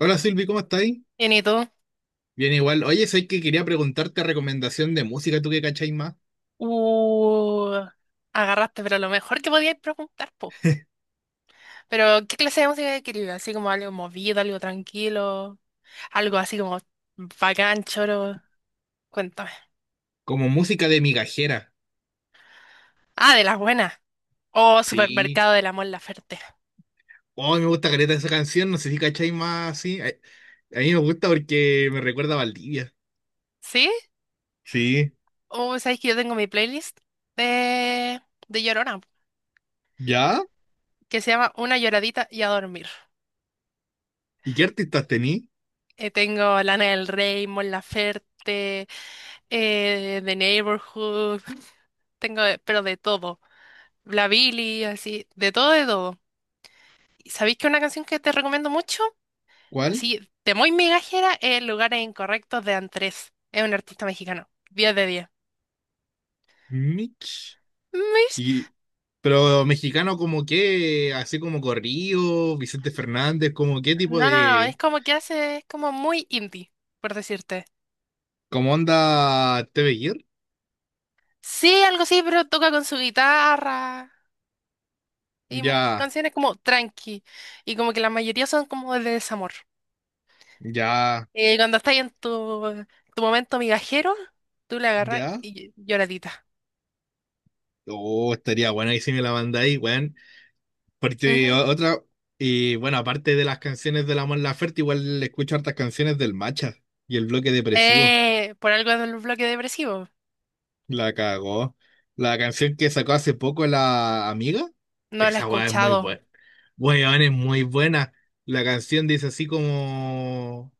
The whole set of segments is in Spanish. Hola Silvi, ¿cómo estáis? Bien, ¿y tú? Bien igual. Oye, soy que quería preguntarte recomendación de música, ¿tú qué cacháis más? Uh, Agarraste, pero lo mejor que podías preguntar, po. Pero, ¿qué clase de música querías? Así como algo movido, algo tranquilo, algo así como bacán, choro. Cuéntame. Como música de migajera. Ah, de las buenas. Oh, Sí. Supermercado del Amor Laferte. Oh, me gusta careta esa canción, no sé si cacháis más sí. A mí me gusta porque me recuerda a Valdivia. ¿Sí? Sí. Oh, ¿sabes que yo tengo mi playlist de, de Llorona? ¿Ya? Que se llama Una lloradita y a dormir. ¿Y qué artistas tení? Tengo Lana del Rey, Mon Laferte, The Neighborhood. Pero de todo. La Billy, así, de todo, de todo. ¿Sabéis que una canción que te recomiendo mucho? ¿Cuál? Así, de muy migajera, es Lugares Incorrectos de Andrés. Es un artista mexicano. 10 de 10. Mitch. Mis- Y pero mexicano como qué, así como Corrido, Vicente Fernández, como qué tipo No, no, no, es de como que hace, es como muy indie, por decirte. como onda ¿TV Gear? Sí, algo así, pero toca con su guitarra y Ya, canciones como tranqui. Y como que la mayoría son como de desamor. ya, Y cuando estás en tu momento migajero, tú le agarras ya. y lloradita. Oh, estaría bueno ahí si me la mandáis, weón. Porque otra, y bueno, aparte de las canciones de la Mon Laferte, igual escucho hartas canciones del Macha y el bloque depresivo. Por algo en un bloque depresivo. La cagó. La canción que sacó hace poco la amiga, No la he esa weá es muy escuchado, buena. Weón, es muy buena. La canción dice así como.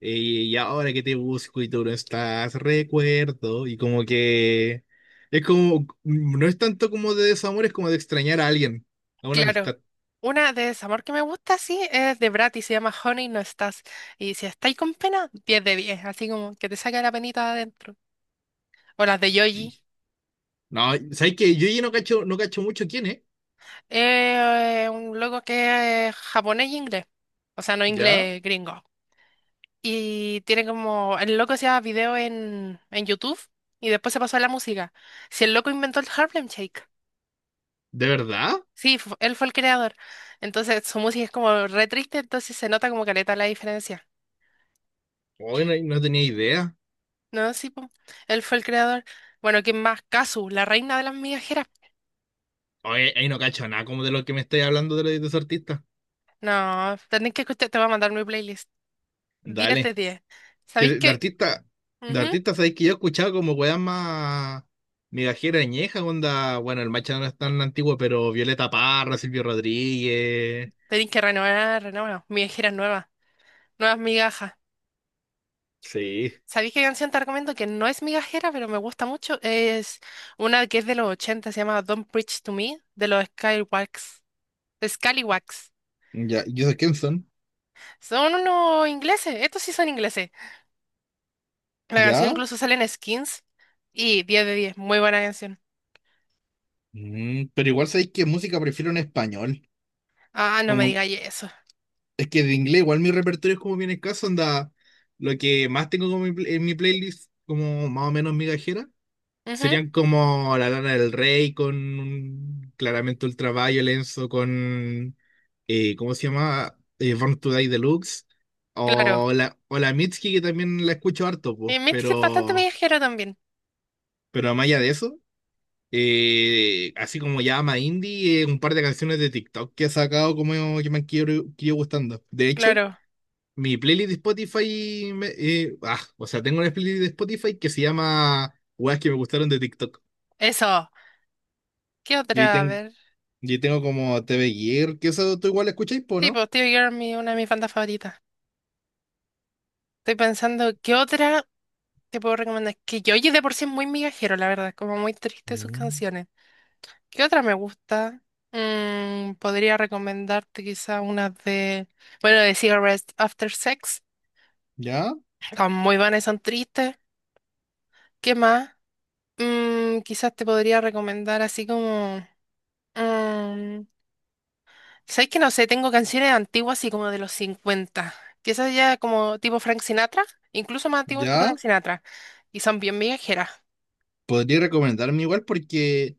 Y ahora que te busco y tú no estás, recuerdo. Y como que. Es como. No es tanto como de desamor, es como de extrañar a alguien, a una claro. amistad. Una de desamor que me gusta, sí, es de Brat y se llama Honey, no estás. Y si estáis con pena, 10 de 10 así como que te saca la penita de adentro. O las de Yoji. Brígido. No, ¿sabes qué? Yo ya no cacho, no cacho mucho quién es. Un loco que es japonés y inglés. O sea, no ¿Ya? inglés gringo. Y tiene como. El loco hacía video en YouTube y después se pasó a la música. Si el loco inventó el Harlem Shake. ¿De verdad? Sí, él fue el creador. Entonces su música es como re triste, entonces se nota como caleta la diferencia. Hoy no, no tenía idea. No, sí, po. Él fue el creador. Bueno, ¿quién más? Kazu, la reina de las migajeras. Hoy ahí no cacho nada como de lo que me estáis hablando de, de esos artistas. No, tenés que escuchar, te voy a mandar mi playlist. Diez de Dale. diez. Que ¿Sabéis de que? artista, de Ujú. artista, ¿sabes que yo he escuchado como weas más migajera añeja, onda? Bueno, el Macha no es tan antiguo, pero Violeta Parra, Silvio Rodríguez. Tenéis que renovar, renovar. Migajeras nuevas, nuevas migajas. Sí. ¿Sabéis qué canción te recomiendo que no es migajera, pero me gusta mucho? Es una que es de los 80. Se llama Don't Preach to Me, de los Skywalks. Scallywags. Ya, ¿y esos quién son? Son unos ingleses, estos sí son ingleses. La canción ¿Ya? incluso sale en Skins y 10 de 10 muy buena canción. Mm, pero igual sabéis que música prefiero en español. Ah, no me Como digáis eso. es que de inglés igual mi repertorio es como bien escaso, anda, lo que más tengo como mi en mi playlist, como más o menos migajera, Ujú, serían como La Lana del Rey con claramente Ultraviolence o con, ¿cómo se llama? Born to Die Deluxe, claro. o la Mitski que también la escucho harto, pues, Y Mystic es bastante viajero también, pero más allá de eso, así como ya ama indie, un par de canciones de TikTok que ha sacado como que me han ido gustando. De hecho... claro. Mi playlist de Spotify, o sea, tengo una playlist de Spotify que se llama Weas que me gustaron de TikTok. Eso. ¿Qué Y ahí, otra? A ver. y ahí tengo como TV Gear, que eso tú igual escucháis, po, Sí, ¿no? pues Tear Girl, una de mis bandas favoritas. Estoy pensando, ¿qué otra te puedo recomendar? Que yo oye de por sí es muy migajero, la verdad, como muy triste sus Mm. canciones. ¿Qué otra me gusta? Podría recomendarte quizá una bueno, de Cigarettes After Sex. Ya, Muy vanas son tristes. ¿Qué más? Mm, quizás te podría recomendar así como... mm, ¿sabes que no sé? Tengo canciones antiguas así como de los 50. Quizás ya como tipo Frank Sinatra, incluso más antiguas que ya. Frank Sinatra. Y son bien migajeras. Podría recomendarme igual porque,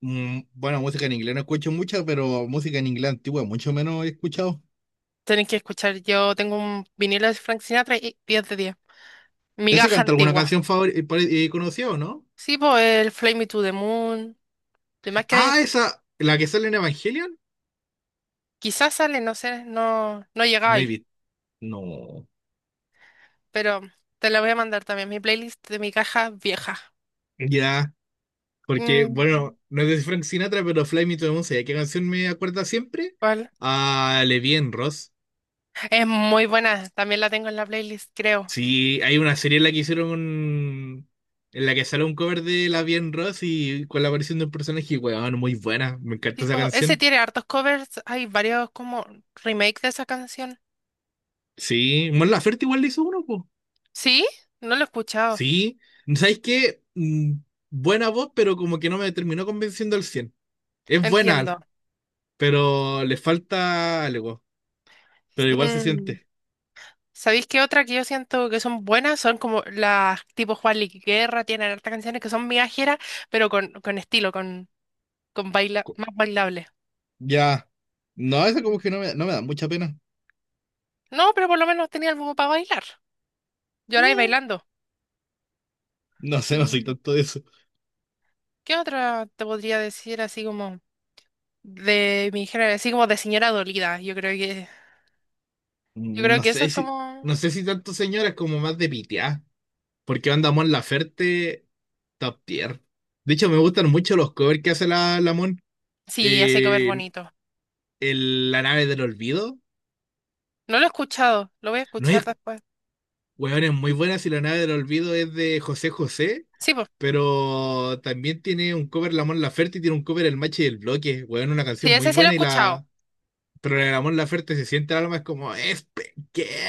mm, bueno, música en inglés no escucho mucha, pero música en inglés antigua mucho menos he escuchado. Tenés que escuchar, yo tengo un vinilo de Frank Sinatra y 10 de 10. ¿Ese Migaja canta alguna antigua. canción conocida o no? Sí, pues el Fly Me to the Moon. Demás que hay- Ah, esa, la que sale en Evangelion. quizás sale, no sé, no, no llega No he ahí. visto. No. Pero te la voy a mandar también, mi playlist de mi caja vieja. Ya. Porque, Mm, bueno, no es de Frank Sinatra, pero Fly Me to the Moon, ¿sabes qué canción me acuerda siempre? ¿cuál? A Levien Ross. Es muy buena, también la tengo en la playlist, creo. Sí, hay una serie en la que hicieron un... en la que sale un cover de Levien Ross y con la aparición de un personaje, weón, muy buena. Me encanta esa Tipo, ese canción. tiene hartos covers, hay varios como remake de esa canción. Sí, Mon Laferte igual le hizo uno, po. ¿Sí? No lo he escuchado, Sí, ¿sabes qué? Mm, buena voz, pero como que no me terminó convenciendo al cien. Es entiendo. buena, pero le falta algo, pero igual se Mm, siente. ¿sabéis qué otra que yo siento que son buenas? Son como las tipo Juan Guerra, tienen hartas canciones que son viajeras, pero con estilo, con baila, más bailable. Ya. No, eso como Mm. que no me, no me da mucha pena. No, pero por lo menos tenía algo para bailar. Yo lloráis Eh, bailando. No sé, no soy Mm. tanto de eso. ¿Qué otra te podría decir así como... de mi género, así como de señora dolida. Yo Mm, creo no que eso sé es si, como, no sé si tanto señoras como más de pitear. Porque anda Mon Laferte top tier. De hecho, me gustan mucho los covers que hace la Mon. sí, hace comer Eh, bonito. La nave del olvido. No lo he escuchado, lo voy a No es, escuchar después. weón, es muy buena. Si la nave del olvido es de José José. Sí, pues, Pero también tiene un cover la Mon Laferte y tiene un cover el Machi del Bloque. Weón, una sí, canción muy ese sí lo he buena y escuchado. la, pero en el amor la Laferte se siente el alma, es como, es pequeña,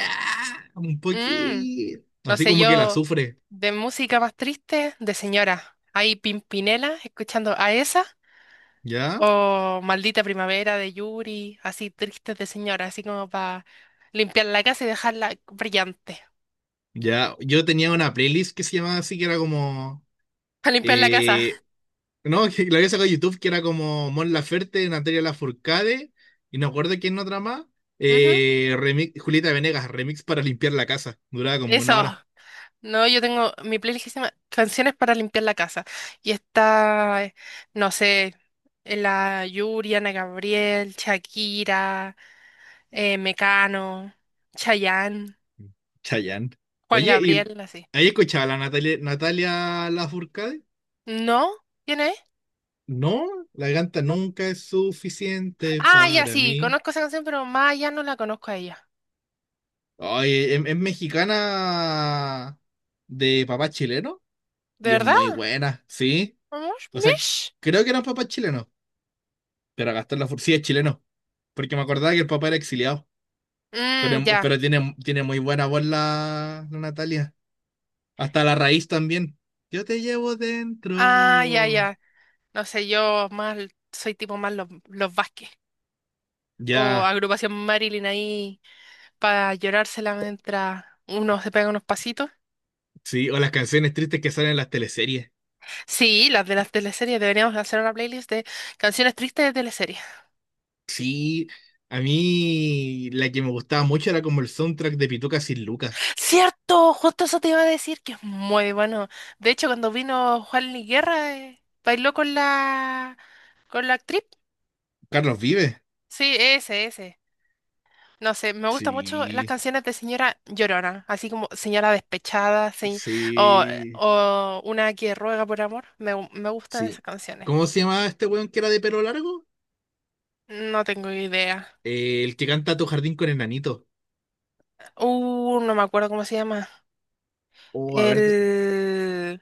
un Mm, poquito. no Así sé, como que la yo sufre, de música más triste, de señora. Hay Pimpinela escuchando a esa ¿ya? o Maldita Primavera de Yuri, así tristes de señora, así como para limpiar la casa y dejarla brillante. Ya, yo tenía una playlist que se llamaba así, que era como, A limpiar la casa. eh, no, que la había sacado de YouTube, que era como Mon Laferte, Natalia Lafourcade, y no acuerdo quién otra más, Ujú, remix, Julieta Venegas, remix para limpiar la casa, duraba como eso. una hora. No, yo tengo mi playlist que se llama Canciones para limpiar la casa. Y está, no sé, la Yuri, Ana Gabriel, Shakira, Mecano, Chayanne, Chayanne. Juan Oye, ¿y Gabriel, así. ahí escuchaba la Natalia, Natalia Lafourcade? ¿No? ¿Quién es? No, la ganta ¿No? nunca es suficiente Ah, ya para sí, mí. conozco esa canción, pero más allá no la conozco a ella. Oye, es mexicana de papá chileno ¿De y es verdad? muy buena, sí. ¿Vamos? O sea, ¿Mish? creo que era un papá chileno, pero Gastón Lafourcade sí es chileno, porque me acordaba que el papá era exiliado. Pero, Mm, ya. pero tiene, tiene muy buena voz la Natalia. Hasta la raíz también. Yo te llevo Ah, ya, dentro. ya. No sé, yo más soy tipo más los Vázquez o Ya, agrupación Marilyn ahí, para llorársela mientras uno se pega unos pasitos. sí, o las canciones tristes que salen en las teleseries. Sí, las de las teleseries, deberíamos hacer una playlist de canciones tristes de teleseries. Sí, a mí la que me gustaba mucho era como el soundtrack de Pituca sin Lucas. ¡Cierto! Justo eso te iba a decir, que es muy bueno. De hecho, cuando vino Juan Luis Guerra, bailó con la actriz. Carlos Vive. Sí, ese, ese. No sé, me gustan mucho las Sí, canciones de señora Llorona, así como señora despechada, sí, o, sí, o una que ruega por amor. Me gustan esas sí. canciones. ¿Cómo se llamaba este weón que era de pelo largo? No tengo idea. El que canta Tu jardín con enanito. No me acuerdo cómo se llama. Oh, a ver, El...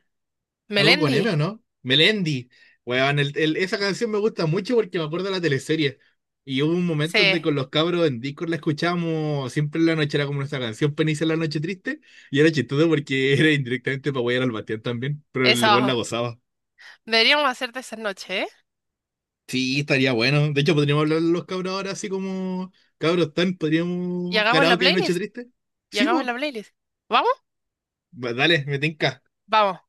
algo con M, Melendi. ¿o no? Melendi. Weón, esa canción me gusta mucho porque me acuerdo de la teleserie. Y hubo un Sí, momento donde con los cabros en Discord la escuchábamos siempre en la noche, era como nuestra canción Penisa en la noche triste. Y era chistoso porque era indirectamente para huear al Bastián también, pero el weón eso. la gozaba. Deberíamos hacerte esa noche, ¿eh? Sí, estaría bueno. De hecho, podríamos hablar los cabros ahora así como cabros tan, Y podríamos hagamos la karaoke de noche playlist. triste. Y Sí, hagamos pues. la playlist. ¿Vamos? Dale, me tinca. Vamos.